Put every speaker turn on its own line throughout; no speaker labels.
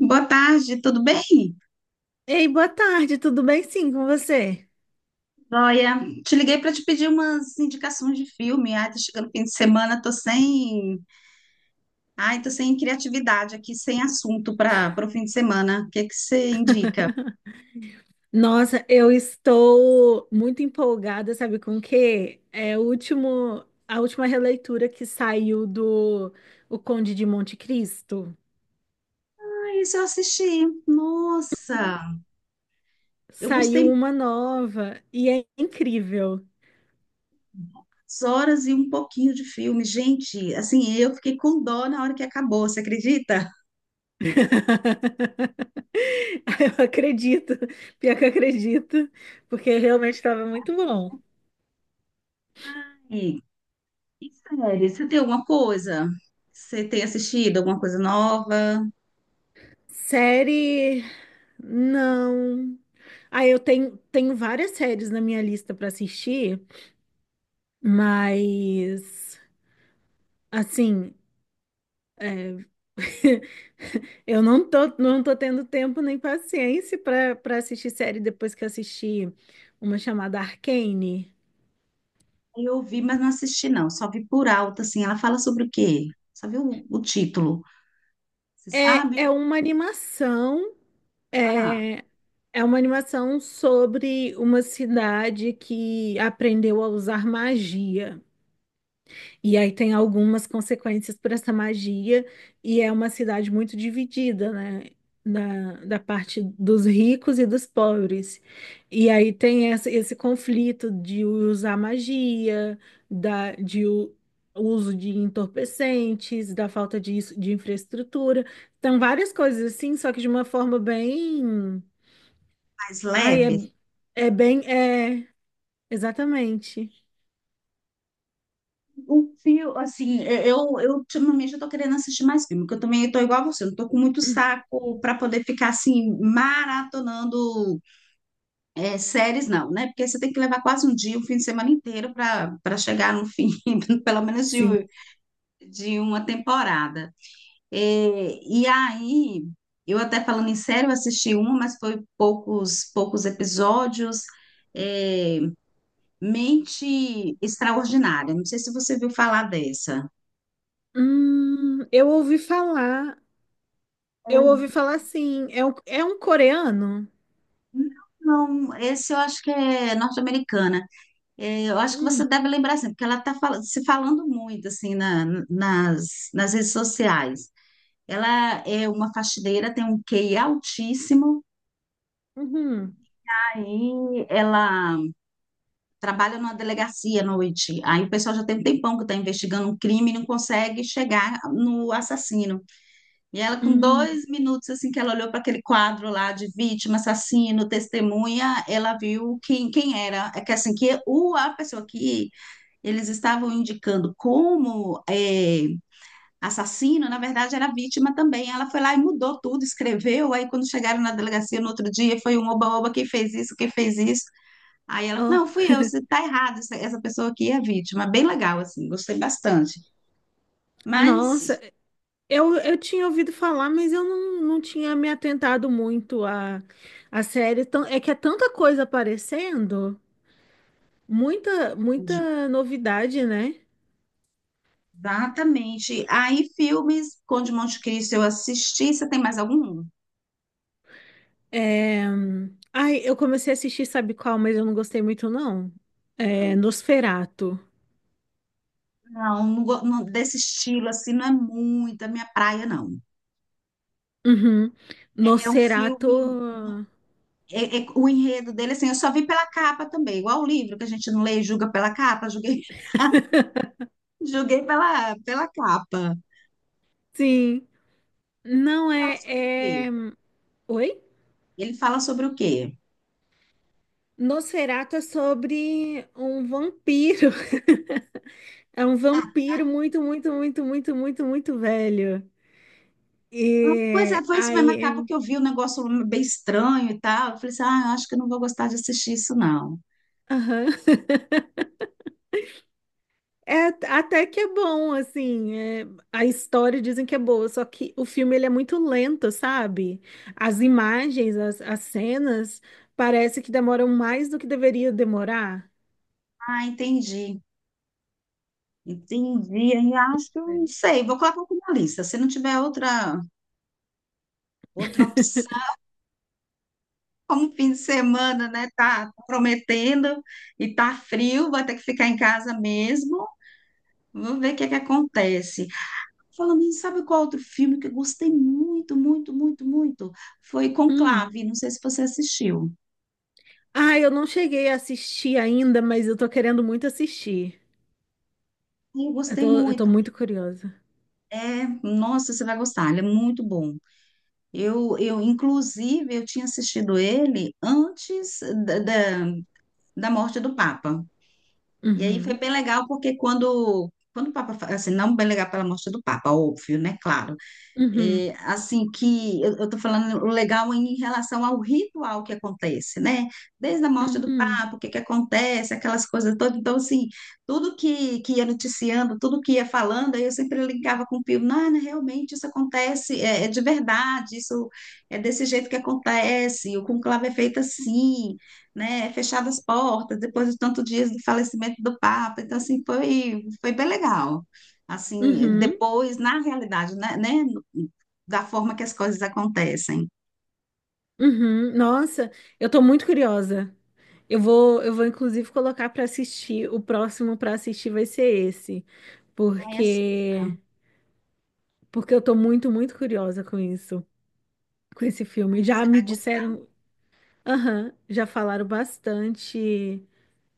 Boa tarde, tudo bem?
Ei, boa tarde, tudo bem sim com você?
Olha, te liguei para te pedir umas indicações de filme. Ai, tá chegando o fim de semana, tô sem criatividade aqui, sem assunto para o fim de semana. O que é que você indica?
Nossa, eu estou muito empolgada, sabe com o quê? É a última releitura que saiu do O Conde de Monte Cristo.
Ah, isso eu assisti. Nossa, eu
Saiu
gostei
uma nova e é incrível.
muitas horas e um pouquinho de filme. Gente, assim, eu fiquei com dó na hora que acabou, você acredita?
Eu acredito, pior que eu acredito, porque realmente estava muito bom.
E, e série, você tem alguma coisa? Você tem assistido alguma coisa nova?
Série, não. Ah, eu tenho várias séries na minha lista para assistir. Mas, assim, eu não tô tendo tempo nem paciência para assistir série depois que assisti uma chamada Arcane.
Eu vi, mas não assisti, não. Só vi por alto, assim. Ela fala sobre o quê? Só vi o título. Você
É
sabe?
uma animação,
Ah,
é, é uma animação sobre uma cidade que aprendeu a usar magia. E aí tem algumas consequências para essa magia, e é uma cidade muito dividida, né? Da parte dos ricos e dos pobres. E aí tem essa, esse conflito de usar magia, da, de uso de entorpecentes, da falta de, de infraestrutura. Então, várias coisas assim, só que de uma forma bem.
mais
Ai, é,
leve.
é bem. É, exatamente.
Um fio, assim, eu ultimamente eu tô querendo assistir mais filme, porque eu também tô igual a você, eu não tô com muito saco para poder ficar, assim, maratonando é, séries, não, né? Porque você tem que levar quase um dia, um fim de semana inteiro para chegar no fim, pelo menos de,
Sim.
uma temporada. É, e aí, eu até falando em série, eu assisti uma, mas foi poucos episódios. É, Mente Extraordinária. Não sei se você viu falar dessa.
Eu ouvi falar. Eu
Uhum.
ouvi falar assim, é um coreano?
Não, esse eu acho que é norte-americana. É, eu acho que você
Hum,
deve lembrar, assim, porque ela está se falando muito, assim, nas redes sociais. Ela é uma faxineira, tem um QI altíssimo.
uhum,
Aí ela trabalha numa delegacia à noite. Aí o pessoal já tem um tempão que está investigando um crime e não consegue chegar no assassino. E ela, com
hum,
dois minutos, assim, que ela olhou para aquele quadro lá de vítima, assassino, testemunha, ela viu quem era. É que assim, que a pessoa que eles estavam indicando como é, assassino, na verdade, era vítima também. Ela foi lá e mudou tudo, escreveu. Aí, quando chegaram na delegacia no outro dia, foi um oba-oba, quem fez isso, quem fez isso. Aí ela, falou,
ó.
não, fui eu, você tá errado, essa pessoa aqui é vítima. Bem legal, assim, gostei bastante.
Nossa,
Mas,
eu tinha ouvido falar, mas eu não tinha me atentado muito à, à série. É que é tanta coisa aparecendo, muita, muita novidade, né?
exatamente. Aí, filmes, Conde de Monte Cristo eu assisti, você tem mais algum?
É... Ai, eu comecei a assistir, sabe qual, mas eu não gostei muito, não. É Nosferatu.
Não, não, desse estilo, assim, não é muito a minha praia, não.
Uhum.
É um filme,
Nosferatu,
o enredo dele, assim, eu só vi pela capa também, igual o livro que a gente não lê e julga pela capa, julguei, julguei pela capa.
sim. Não
Fala
é,
sobre o quê?
é... Oi?
Ele fala sobre o quê?
Nosferatu é sobre um vampiro. É um vampiro muito, muito, muito, muito, muito, muito velho.
Ah, pois é,
E
foi isso mesmo, acaba
aí,
que eu vi um negócio bem estranho e tal. Eu falei assim, ah, acho que eu não vou gostar de assistir isso, não.
aham. É, até que é bom, assim, é, a história dizem que é boa, só que o filme ele é muito lento, sabe? As imagens, as cenas, parece que demoram mais do que deveria demorar.
Ah, entendi, entendi. Aí acho que eu não
É.
sei, vou colocar aqui na lista. Se não tiver outra, outra opção, como fim de semana, né? Tá prometendo e tá frio, vai ter que ficar em casa mesmo. Vou ver o que é que acontece. Falando nisso, sabe qual outro filme que eu gostei muito, muito, muito, muito? Foi
Hum.
Conclave, não sei se você assistiu.
Ah, eu não cheguei a assistir ainda, mas eu tô querendo muito assistir.
Eu
Eu
gostei
tô, eu tô
muito.
muito curiosa.
É, nossa, você vai gostar, ele é muito bom. Inclusive, eu tinha assistido ele antes da, da morte do Papa. E aí foi
Uhum,
bem legal, porque quando o Papa, assim, não bem legal pela morte do Papa, óbvio, né? Claro.
uhum,
É, assim que eu estou falando o legal em relação ao ritual que acontece, né? Desde a morte do
uhum,
Papa, o que que acontece, aquelas coisas todas. Então, assim, tudo que ia noticiando, tudo que ia falando, aí eu sempre ligava com o Pio, não, não, realmente isso acontece, é de verdade, isso é desse jeito que acontece, o conclave é feito assim, né? É fechado as portas, depois de tantos dias do falecimento do Papa. Então, assim, foi, bem legal assim,
uhum,
depois, na realidade, né, da forma que as coisas acontecem.
uhum. Nossa, eu tô muito curiosa. Eu vou inclusive colocar pra assistir. O próximo pra assistir vai ser esse,
Ai, assista.
porque porque eu tô muito, muito curiosa com isso, com esse filme.
Ai, você
Já me
vai gostar.
disseram, aham, já falaram bastante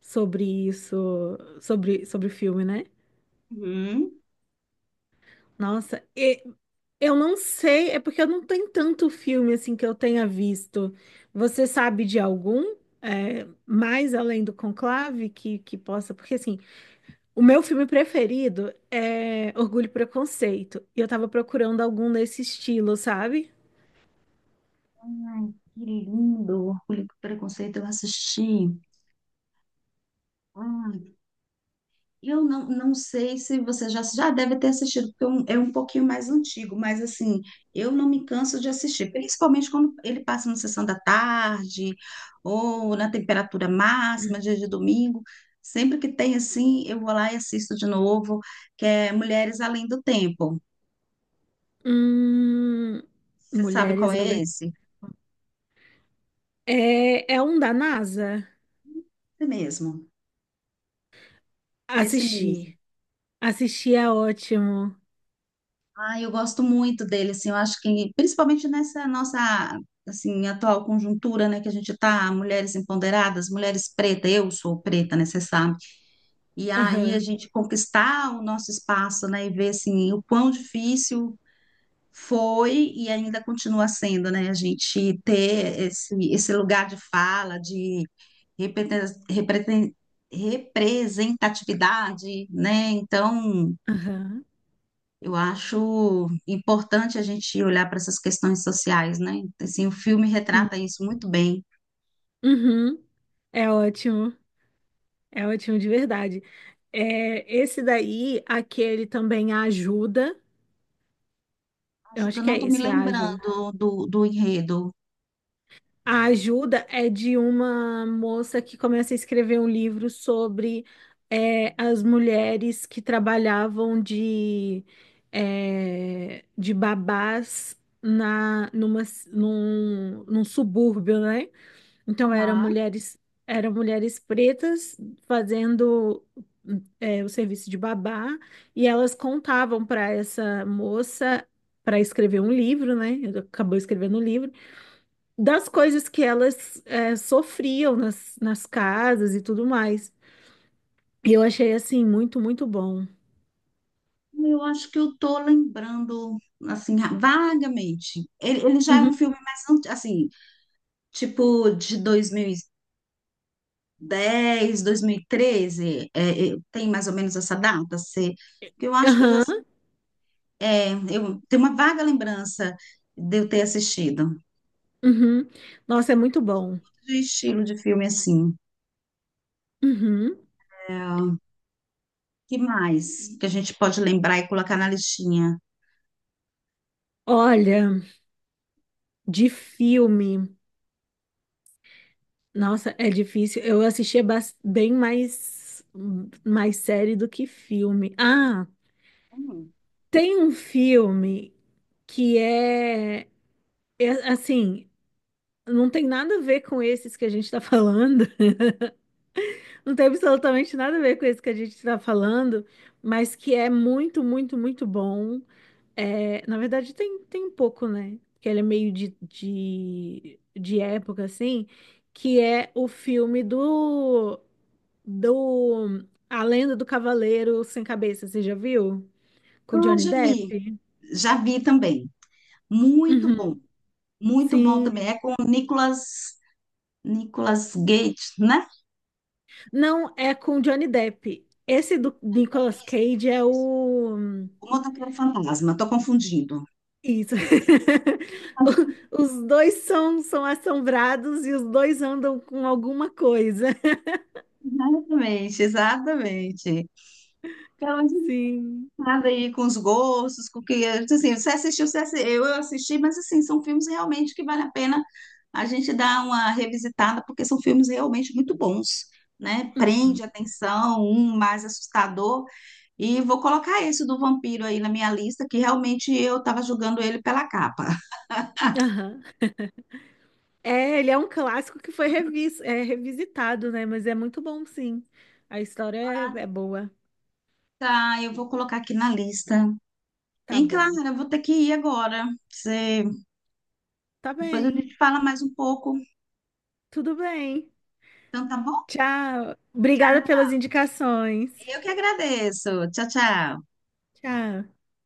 sobre isso, sobre o filme, né?
Uhum.
Nossa, eu não sei, é porque eu não tenho tanto filme assim que eu tenha visto. Você sabe de algum, é, mais além do Conclave que possa? Porque assim, o meu filme preferido é Orgulho e Preconceito. E eu tava procurando algum nesse estilo, sabe?
Ai, que lindo. Orgulho e Preconceito, eu assisti. Ai, eu não, não sei se você já, deve ter assistido, porque é um, pouquinho mais antigo, mas assim, eu não me canso de assistir, principalmente quando ele passa na sessão da tarde ou na temperatura máxima, dia de domingo. Sempre que tem assim, eu vou lá e assisto de novo, que é Mulheres Além do Tempo.
Hum,
Você sabe qual
Mulheres
é
Além.
esse?
É, é um da NASA?
Esse mesmo, esse mesmo.
Assisti. Assisti é ótimo.
Ah, eu gosto muito dele, assim, eu acho que, principalmente nessa nossa, assim, atual conjuntura, né, que a gente tá, mulheres empoderadas, mulheres pretas, eu sou preta, né, você sabe? E aí a
Aham,
gente conquistar o nosso espaço, né, e ver, assim, o quão difícil foi e ainda continua sendo, né, a gente ter esse, lugar de fala, de represen- represen- representatividade, né, então...
aham,
Eu acho importante a gente olhar para essas questões sociais, né? Assim, o filme
sim.
retrata isso muito bem.
Uhum, é ótimo. É ótimo de verdade. É, esse daí, aquele também a ajuda. Eu
Ajuda,
acho
eu
que
não
é
estou me
esse, é a ajuda.
lembrando do, enredo.
A ajuda é de uma moça que começa a escrever um livro sobre é, as mulheres que trabalhavam de, é, de babás na, numa, num, num subúrbio, né? Então
Aham.
eram mulheres pretas fazendo é, o serviço de babá e elas contavam para essa moça para escrever um livro, né? Acabou escrevendo um livro das coisas que elas é, sofriam nas, nas casas e tudo mais. E eu achei assim muito, muito bom.
Eu acho que eu tô lembrando, assim, vagamente. Ele, já é
Uhum.
um filme mais, anti- assim, tipo de 2010, 2013, tem mais ou menos essa data, se, que eu acho que eu já,
Aham,
é, eu tenho uma vaga lembrança de eu ter assistido.
uhum. Nossa, é muito bom.
De estilo de filme assim.
Uhum.
É, que mais que a gente pode lembrar e colocar na listinha?
Olha, de filme. Nossa, é difícil. Eu assistia bem mais, mais série do que filme. Ah,
Hum.
tem um filme que é, é assim, não tem nada a ver com esses que a gente tá falando. Não tem absolutamente nada a ver com esse que a gente tá falando, mas que é muito, muito, muito bom. É, na verdade, tem, tem um pouco, né? Que ele é meio de época, assim, que é o filme do A Lenda do Cavaleiro Sem Cabeça, você já viu? Com
Ah,
Johnny Depp?
já vi também. Muito bom,
Uhum,
muito bom também.
sim.
É com o Nicolas, Gates, né?
Não, é com Johnny Depp. Esse do Nicolas
Isso,
Cage é
isso, isso.
o.
O motoqueiro fantasma, estou confundindo.
Isso. Os dois são, são assombrados e os dois andam com alguma coisa.
Exatamente, exatamente.
Sim.
Nada aí com os gostos, com o que é. Então, assim, você assistiu, eu assisti, mas assim, são filmes realmente que vale a pena a gente dar uma revisitada, porque são filmes realmente muito bons, né?
Uhum.
Prende a atenção, um mais assustador, e vou colocar esse do vampiro aí na minha lista, que realmente eu estava julgando ele pela capa.
Aham. É, ele é um clássico que foi é, revisitado, né? Mas é muito bom, sim. A história é,
Ah,
é boa.
tá, eu vou colocar aqui na lista.
Tá
Hein,
bom.
Clara, eu vou ter que ir agora. Você...
Tá
Depois a
bem.
gente fala mais um pouco.
Tudo bem.
Então tá bom?
Tchau. Obrigada
Tchau.
pelas indicações.
Eu que agradeço. Tchau, tchau.
Tchau.